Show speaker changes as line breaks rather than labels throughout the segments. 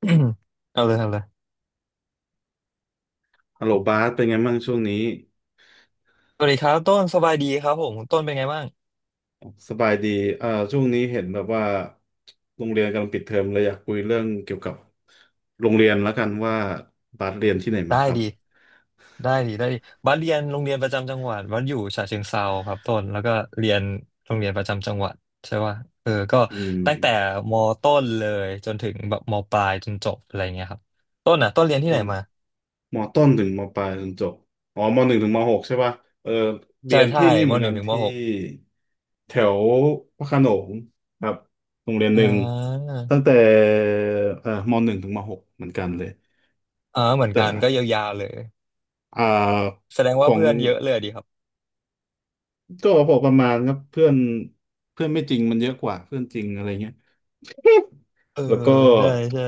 อืมเอาเลยเอาเลย
ฮัลโหลบาสเป็นไงบ้างช่วงนี้
สวัสดีครับต้นสบายดีครับผมต้นเป็นไงบ้าง
สบายดีช่วงนี้เห็นแบบว่าโรงเรียนกำลังปิดเทอมเลยอยากคุยเรื่องเกี่ยวกับโรงเรียนแล้วกันว่าบาสเรียนที่ไหนมา
ได้
ครับ
ดีได้ดีได้ดีบัสเรียนโรงเรียนประจำจังหวัดบัสอยู่ฉะเชิงเทราครับต้นแล้วก็เรียนโรงเรียนประจำจังหวัดใช่ป่ะเออก็
อืม
ตั้งแต่มต้นเลยจนถึงแบบมปลายจนจบอะไรเงี้ยครับต้นอ่ะต้นเรียนที่
ต้
ไหน
น
มา
มต้นถึงมปลายจนจบอ๋อมหนึ่งถึงมหกใช่ป่ะเออเรี
ใช่
ยน
ใช่
ที่นี่เห
ม
มือน
ห
กั
นึ่ง
น
ถึงม
ที่
หก
แถวพระโขนงครับโรงเรียนห
อ่
นึ่ง
า
ตั้งแต่มหนึ่งถึงมหกเหมือนกันเลย
อ่าเหมือน
แต่
กันก็ยาวๆเลย
อ่า
แสดง
ข
ว่า
อง
เพื่อนเยอะเลยดีครับ
ก็พอประมาณครับเพื่อนเพื่อนไม่จริงมันเยอะกว่าเพื่อนจริงอะไรเงี้ย
เออ
แล้วก็
ใช่ใช่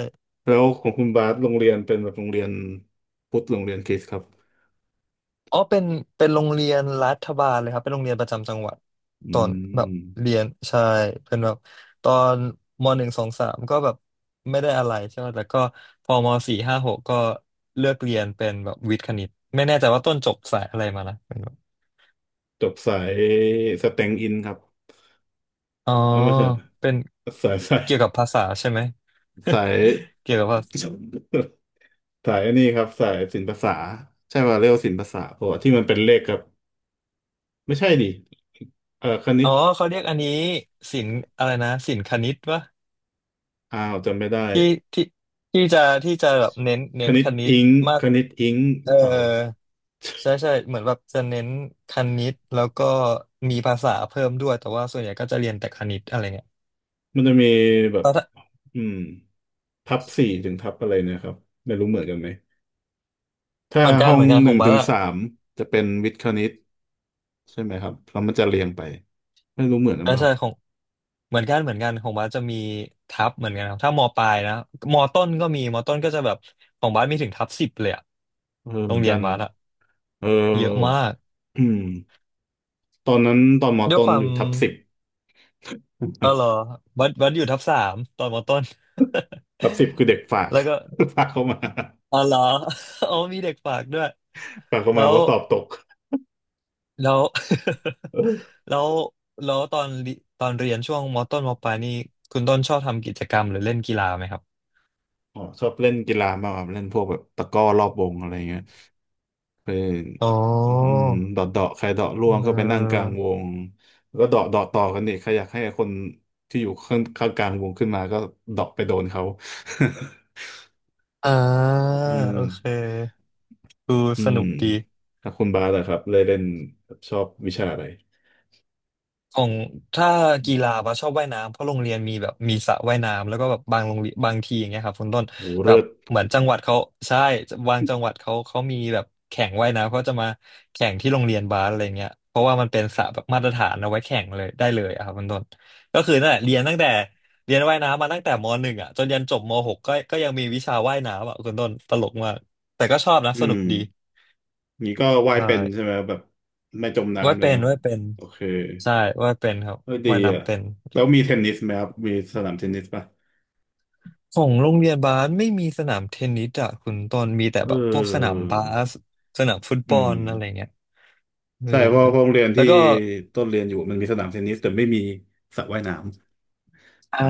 แล้วของคุณบาสโรงเรียนเป็นแบบโรงเรียนพุทธโรงเรียนคริสต์ครับ
อ๋อเป็นโรงเรียนรัฐบาลเลยครับเป็นโรงเรียนประจำจังหวัด
อื
ตอนแบบ
ม
เรียนใช่เป็นแบบตอนมหนึ่งสองสามก็แบบไม่ได้อะไรใช่ไหมแต่ก็พอมสี่ห้าหกก็เลือกเรียนเป็นแบบวิทย์คณิตไม่แน่ใจว่าต้นจบสายอะไรมานะเป็นแบบ
จบสายสแตงอินครับ
อ๋อ
เออไม่ใช่
เป็น
สาย
เกี่ยวกับภาษาใช่ไหม
สาย
เกี่ยวกับภาษา
สายอันนี้ครับสายศิลปศาสตร์ใช่ว่าเรียกว่าศิลปศาสตร์เพราะว่าที่มันเป็นเลขครับไม่ใช่ดิเออคณิ
อ๋
ต
อเขาเรียกอันนี้ศิลป์อะไรนะศิลป์คณิตวะ
อ้าวจำไม่ได้
ที่ที่ที่จะที่จะแบบเน้นเน้นคณิตมา
ค
ก
ณิตอิงค์ห
เออ
รือเปล่า
ใช่ใช่เหมือนแบบจะเน้นคณิตแล้วก็มีภาษาเพิ่มด้วยแต่ว่าส่วนใหญ่ก็จะเรียนแต่คณิตอะไรเงี้ย
มันจะมีแบบ
แล้วถ้า
อืมทับสี่ถึงทับอะไรเนี่ยครับไม่รู้เหมือนกันไหมถ้า
เหมือนกัน
ห้อ
เห
ง
มือนกัน
ห
ขอ
นึ่
ง
ง
บา
ถึ
ส
ง
อะ
สามจะเป็นวิทย์คณิตใช่ไหมครับแล้วมันจะเรียงไปไม่รู้เหมือนกัน
อ่า
เปล่า
ใช่ของเหมือนกันของบาสจะมีทับเหมือนกันครับถ้ามปลายนะมต้นก็มีมต้นก็จะแบบของบาสมีถึงทับสิบเลยอะ
เออ
โร
เหมื
ง
อน
เรีย
กั
น
น
บาสอะ
เออ
เยอะมาก
อืมตอนนั้นตอนมอ
ด้วย
ต้
ค
น
วา
อ
ม
ยู่ทับสิบ
เออเหรอ บัดวัดอยู่ทับสามตอนมต้น
ทับสิบคือเด็กฝาก
แล้วก็
ฝากเข้ามา
อ๋อเหรอ อ๋อมีเด็กฝากด้วย
ฝากเข้า
แล้
มา
ว
ว่าสอบตก
แล้ว
เออ
แล้วแล้วตอนเรียนช่วงมต้นมปลายนี่คุณต้นชอบทำกิจกรรมหรือเล่นกีฬาไหมครับ
อ๋อชอบเล่นกีฬามากครับเล่นพวกแบบตะกร้อรอบวงอะไรเงี้ย ไป
อ๋อ
อืมเดาะใครเดาะร่
เ
วงก็ไปนั่งก
ออ
ลางวงแล้วก็เดาะต่อกันอีกใครอยากให้คนที่อยู่ข้างกลางวงขึ้นมาก็เดาะไปโดนเขา
อ่า
เอ
โอเค
อ
ดู
อื
ส
ม
นุกดี
แล้วคุณบาสล่ะครับเลยเล่นชอบวิชาอะไร
ของถ้ากีฬาปะชอบว่ายน้ำเพราะโรงเรียนมีแบบมีสระว่ายน้ำแล้วก็แบบบางโรงเรียนบางทีอย่างเงี้ยครับคุณต้น
โอ้
แบ
เลิ
บ
ศ
เหมือนจังหวัดเขาใช่บางจังหวัดเขามีแบบแข่งว่ายน้ำเขาจะมาแข่งที่โรงเรียนบาสอะไรเงี้ยเพราะว่ามันเป็นสระแบบมาตรฐานเอาไว้แข่งเลยได้เลยอะครับคุณต้นก็คือนั่นแหละเรียนตั้งแต่เรียนว่ายน้ำมาตั้งแต่มหนึ่งอ่ะจนยันจบมหกก็ยังมีวิชาว่ายน้ำอ่ะคุณต้นตลกมากแต่ก็ชอบนะส
อื
นุก
ม
ดี
นี่ก็ว่าย
ใช่
เป็นใช่ไหมแบบไม่จม
ว่าย
น้ำเลย
เป็น
เนาะ
ว่ายเป็น
โอเค
ใช่ว่ายเป็นครับ
เออดี
ว่าย
อ่ะ
น้ำเป็น
แล้วมีเทนนิสไหมครับมีสนามเทนนิสป่ะ
ของโรงเรียนบาสไม่มีสนามเทนนิสอะคุณต้นมีแต่
เ
แบบพวกสนา
ออ
มบาสสนามฟุตบ
อื
อ
ม
ลอะไรเงี้ยเออ
ใช่เพราะโรงเรียน
แล้ว
ที่
ก็
ต้นเรียนอยู่มันมีสนามเทนนิสแต่ไม่มีสระว่ายน้ำ
อ่า
อ่า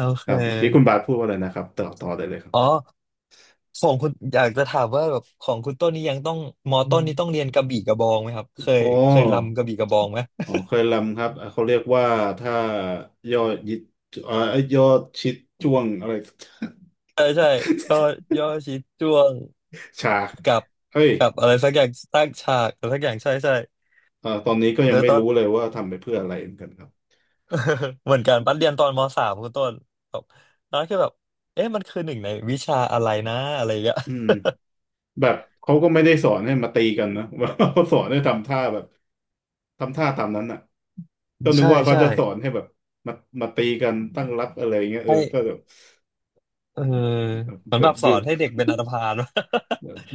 โอเค
ครับเมื่อกี้คุณบาสพูดว่าอะไรนะครับต่อได้เลยครับ
อ๋อของคุณอยากจะถามว่าแบบของคุณต้นนี่ยังต้องมอ
อื
ต้น
ม
นี่ต้องเรียนกระบี่กระบองไหมครับเคย
อ๋
เคย
อ
รำกระบี่กระบองไหม
อ๋อ เคยลำครับอ่ะเขาเรียกว่าถ้ายอดยิดเอ่อยอดชิดจ้วงอะไร
ใช่ใช่ย่อย่อชิดจ้วง
ฉาก
กับ
เฮ้ย
กับอะไรสักอย่างตั้งฉากอะไรสักอย่างใช่ใช่
ตอนนี้ก็
เอ
ยัง
อ
ไม่
ตอน
รู้เลยว่าทำไปเพื่ออะไรเหมือนกันครับ
เหมือนกันปันเรียนตอนมสามคุณต้นแบบน้อยคือแบบเอ๊ะมันคือหนึ่งในวิชาอะไรนะอะไรอย่างเงี้ย
อืม แบบเขาก็ไม่ได้สอนให้มาตีกันนะว่าเขาสอนให้ทำท่าแบบทำท่าตามนั้นอ่ะก็ นึก
ใช่
ว่าเขา
ใช่
จะสอนให้แบบมามาตีกันตั้งรับอะไรเงี้ยเออก็
ให้
แบบ
เออเหมือ
แบ
นแบ
บ
บส
บิ
อ
ว
นให้เด็กเป็นอันธพาล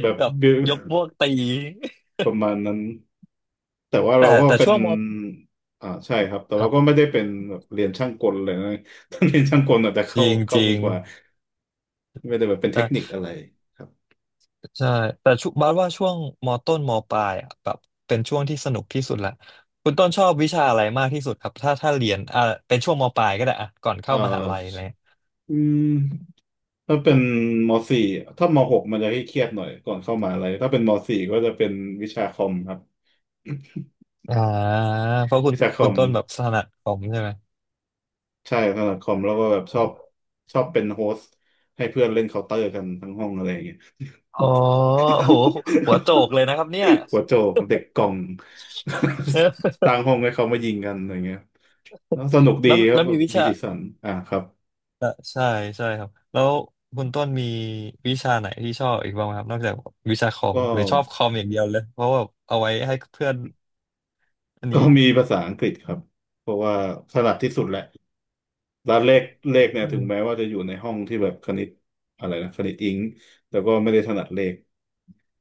แบบ
แบบ
บิว
ยกพวกตี
ประมาณนั้นแต่ว่า
แต่
เราก็
แต่
เป็
ช่
น
วงม
อ่าใช่ครับแต่
ค
เรา
รั
ก็ไม่
บ
ได้เป็นแบบเรียนช่างกลเลยนะ ถ้าเรียนช่างกลอาจจะ
จริงจ
เข้า
ริ
กัน
ง
กว่าไม่ได้แบบเป็นเทคนิ
ใช่
คอะไรครับ
ใช่แต่ชุบาสว่าช่วงมต้นมปลายอะแบบเป็นช่วงที่สนุกที่สุดละคุณต้นชอบวิชาอะไรมากที่สุดครับถ้าถ้าเรียนอ่าเป็นช่วงมปลายก็ได้อ่ะก่อน
เอ่
เข้า
อ
มหาลัยอะไร
อืม ถ้าเป็นมสี่ถ้ามหกมันจะให้เครียดหน่อยก่อนเข้ามหาอะไรถ้าเป็นมสี่ก็จะเป็นวิชาคอมครับ
อ่าเพราะ คุณ
วิชาคอ
คุณ
ม
ต้นแบบถนัดคอมใช่ไหม
ใช่ถนัดคอมแล้วก็แบบชอบชอบเป็นโฮสต์ให้เพื่อนเล่นเคาน์เตอร์กันทั้งห้องอะไรอย่างเงี้ย
อ๋อโหหัวโจกเลยนะครับเนี่ย
หัวโจกเด็กกล่อง
เออ
ตัางห้องให้เขามายิงกันอะไรเงี้ยแล้วสนุกดี
แล้ว
ครั
แล้
บ
ว
แบ
มี
บ
วิ
มี
ชา
สีสันอ่าครับ
เอ่อใช่ใช่ครับแล้วคุณต้นมีวิชาไหนที่ชอบอีกบ้างไหมครับนอกจากวิชาคอ
ก็
มหรือชอบคอมอย่างเดียวเลยเพราะว่าเอาไว้ให้เพื่อนอัน
ก็
นี้
มีภาษาอังกฤษครับเพราะว่าถนัดที่สุดแหละ แล้วเลขเนี่ย
อื
ถึง
ม
แม้ว่าจะอยู่ในห้องที่แบบคณิตอะไรนะคณิตอิงค์แต่ก็ไม่ได้ถนัดเลข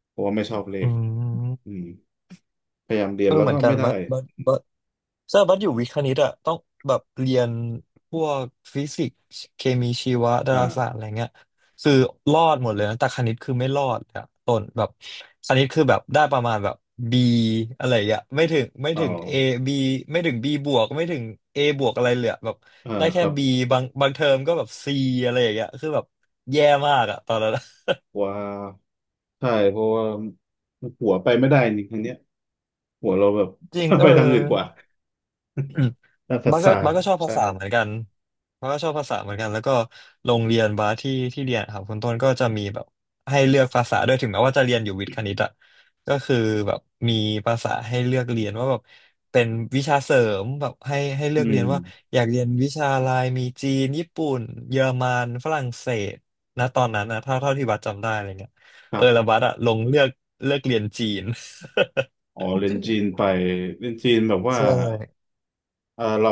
เพราะว่าไม่ชอบเล
อื
ขอื
ม
มพยายามเรีย
เอ
น
อ
แล้ว
เหมือ
ก็
นกั
ไม่
น
ได้
บัสอบัสอยู่วิทย์คณิตอะต้องแบบเรียนพวกฟิสิกส์เคมีชีวะดา
อ่า
ราศาสตร์อะไรเงี้ยคือรอดหมดเลยนะแต่คณิตคือไม่รอดอะต้นแบบคณิตคือแบบได้ประมาณแบบ B อะไรอย่างเงี้ยไม่ถึงไม่
เอา
ถึง A B ไม่ถึง B บวกไม่ถึง A บวกอะไรเลยอะแบบ
อ่า
ได้
ค
แค่
รับ
B บางเทอมก็แบบ C อะไรอย่างเงี้ยคือแบบแย่มากอะตอนนั้นอะ
ว่าใช่เพราะว่าหัวไปไม่ได้นี่งรั้งเนี้ยหัวเราแบบ
จริง เอ
ไป
อ
ทางอื่นกว่า
อืม
ด้านภา
บ้าสก็
ษา
บ้าสก็ชอบภา
ใช่
ษาเหมือนกันบ้าสก็ชอบภาษาเหมือนกันแล้วก็โรงเรียนบ้าสที่ที่เรียนครับคุณต้นก็จะมีแบบให้เลือกภาษาด้วยถึงแม้ว่าจะเรียนอยู่วิทย์คณิตอะก็คือแบบมีภาษาให้เลือกเรียนว่าแบบเป็นวิชาเสริมแบบให้เลือ
อื
กเรี
ม
ยนว่าอยากเรียนวิชาอะไรมีจีนญี่ปุ่นเยอรมันฝรั่งเศสนะตอนนั้นนะเท่าที่บัสจำได้อะไรเงี้ย
ค
เอ
รั
อแล้ว
บ
บัสอะลงเลือกเรียนจีน
อ๋อเรียนจีนไป เรียนจีนแบบว่า
ใช่
เออเรา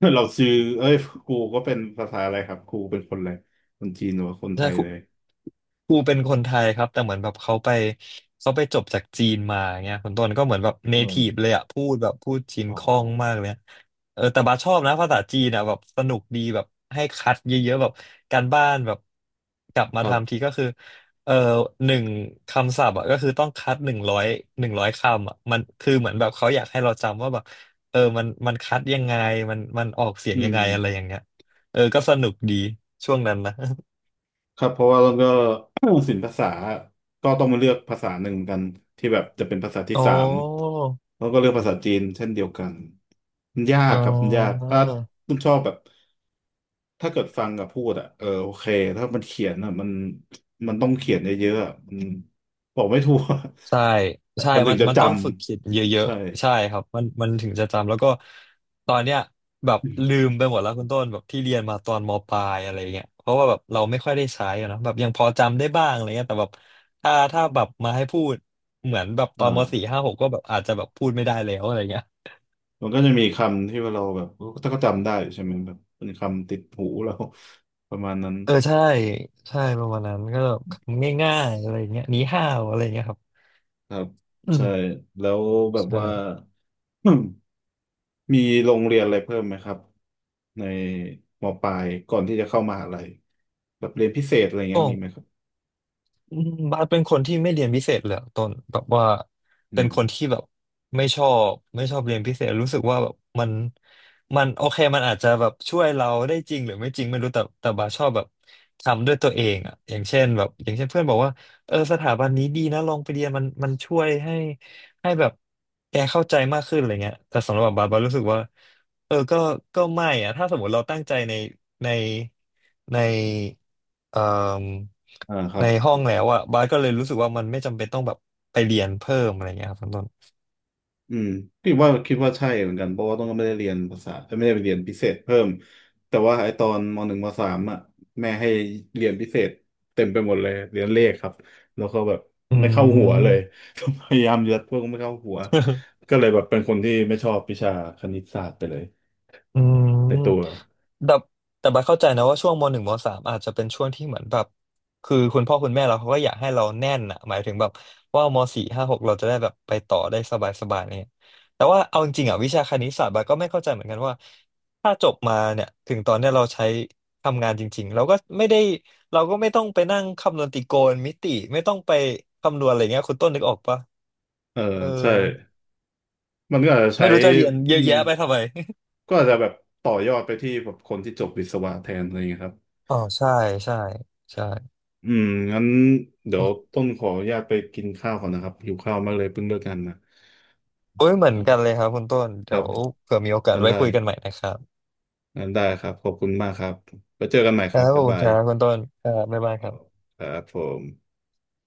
เราซื้อเอ้ยครูก็เป็นภาษาอะไรครับครูเป็นคนอะไรคนจีนหรือว่าคนไท
ใช่
ยเลย
ครูเป็นคนไทยครับแต่เหมือนแบบเขาไปจบจากจีนมาเงี้ยคนต้นก็เหมือนแบบเน
อืม
ทีฟเลยอะพูดแบบพูดจีน
อ๋อ
คล่องมากเลยอะเออแต่บาสชอบนะภาษาจีนอะแบบสนุกดีแบบให้คัดเยอะๆแบบการบ้านแบบกลับ
ค
มา
รั
ทำที
บ
ก็คือเออหนึ่งคำศัพท์อะก็คือต้องคัดหนึ่งร้อยคำอะมันคือเหมือนแบบเขาอยากให้เราจำว่าแบบเออมันคัดยังไงมันออกเสียง
อื
ยั
ม
งไงอะไรอย่างเงี้ยเออก็สนุกดีช่วงนั้นนะ
ครับเพราะว่าเราก็ ศิลปภาษาก็ต้องมาเลือกภาษาหนึ่งกันที่แบบจะเป็นภาษาที่
โอ้
สามแล้วก็เลือกภาษาจีนเช่นเดียวกันมันยาก
เอ
ครับมันยาก
อ
ถ้าคุณชอบแบบถ้าเกิดฟังกับพูดอ่ะเออโอเคถ้ามันเขียนอ่ะมันมันต้องเขียนเยอะๆอะมันบอกไม่ถูก
ใช่ ใช่
มันถึงจะ
มัน
จ
ต้องฝึกคิดเย
ำ
อะ
ใช่
ๆ ใช่ครับมันถึงจะจำ แล้วก็ตอนเนี้ยแบบลืมไปหมดแล้วคุณต้นแบบที่เรียนมาตอนมปลายอะไรเงี้ยเพราะว่าแบบเราไม่ค่อยได้ใช้อะเนอะแบบยังพอจำได้บ้างอะไรเงี้ยแต่แบบถ้าแบบมาให้พูดเหมือนแบบ
อ
ตอนมสี่
่า
ห้าหกก็แบบอาจจะแบบพูดไม่ได้แล้วอะไรเงี้ย
มันก็จะมีคำที่ว่าเราแบบก็จำได้ใช่ไหมแบบเป็นคำติดหูเรา ประมาณนั้น
เออใช่ใช่ประมาณนั้นก็แบบง่ายๆอะไรเงี้ยหนีห้าวอะไรเงี้ยครับ
ครับ
อืม
ใช่แล้วแบบ
ใช่
ว่า มีโรงเรียนอะไรเพิ่มไหมครับในมปลายก่อนที่จะเข้ามหาลัยแบบเรียนพิเศษอะไรเงี้ยมีไหมครับ
บาสเป็นคนที่ไม่เรียนพิเศษเลยอะต้นแบบว่า
อื
เป็น
ม
คนที่แบบไม่ชอบเรียนพิเศษรู้สึกว่าแบบมันมันโอเคมันอาจจะแบบช่วยเราได้จริงหรือไม่จริงไม่รู้แต่บาสชอบแบบทำด้วยตัวเองอ่ะอย่างเช่นแบบอย่างเช่นเพื่อนบอกว่าเออสถาบันนี้ดีนะลองไปเรียนมันช่วยให้แบบแกเข้าใจมากขึ้นอะไรเงี้ยแต่สำหรับบาสรู้สึกว่าเออก็ไม่อ่ะถ้าสมมติเราตั้งใจในในใน เอ่ม
อ่าครั
ใน
บ
ห้องแล้วอะบาสก็เลยรู้สึกว่ามันไม่จำเป็นต้องแบบไปเรียนเพิ่มอะไรเงี้ยครับคุณต้น
อืมพี่ว่าคิดว่าใช่เหมือนกันเพราะว่าต้องไม่ได้เรียนภาษาไม่ได้ไปเรียนพิเศษเพิ่มแต่ว่าไอตอนมหนึ่งมสามอ่ะแม่ให้เรียนพิเศษเต็มไปหมดเลยเรียนเลขครับแล้วก็แบบ
อื
ไม่เข้าหัวเลย
ม
พยายามยัดพวกไม่เข้าหัวก็เลยแบบเป็นคนที่ไม่ชอบวิชาคณิตศาสตร์ไปเลย
อืม
ในตัว
แต่บัดเข้าใจนะว่าช่วงมหนึ่งมสามอาจจะเป็นช่วงที่เหมือนแบบคือคุณพ่อคุณแม่เราเขาก็อยากให้เราแน่นอะหมายถึงแบบว่ามสี่ห้าหกเราจะได้แบบไปต่อได้สบายสบายเนี่ยแต่ว่าเอาจริงๆอ่ะวิชาคณิตศาสตร์บัดก็ไม่เข้าใจเหมือนกันว่าถ้าจบมาเนี่ยถึงตอนเนี้ยเราใช้ทำงานจริงๆเราก็ไม่ได้เราก็ไม่ต้องไปนั่งคำนวณตรโกณมิติไม่ต้องไปคำนวณอะไรเงี้ยคุณต้นนึกออกปะ
เออ
เออ
ใช่มันก็อาจจะใช้
ไม่รู้จะเรียนเย
อื
อะ
ม
แยะไปทำไม
ก็อาจจะแบบต่อยอดไปที่แบบคนที่จบวิศวะแทนอะไรอย่างเงี้ยครับ
อ๋อใช่ใช่ใช่
อืมงั้นเดี๋ยวต้นขออนุญาตไปกินข้าวก่อนนะครับหิวข้าวมากเลยเพิ่งเลิกงานมา
โอ้ยเหมือนกันเลยครับคุณต้น
ค
เดี๋
รั
ย
บ
วเผื่อมีโอกาส
งั้น
ไว้
ได้
คุยกันใหม่นะครับ
ครับขอบคุณมากครับไปเจอกันใหม่
ค
ค
รั
รับ
บข
บ๊า
อ
ย
บคุณ
บา
ค
ย
รับคุณต้นครับบ๊ายบายครับ
ครับผม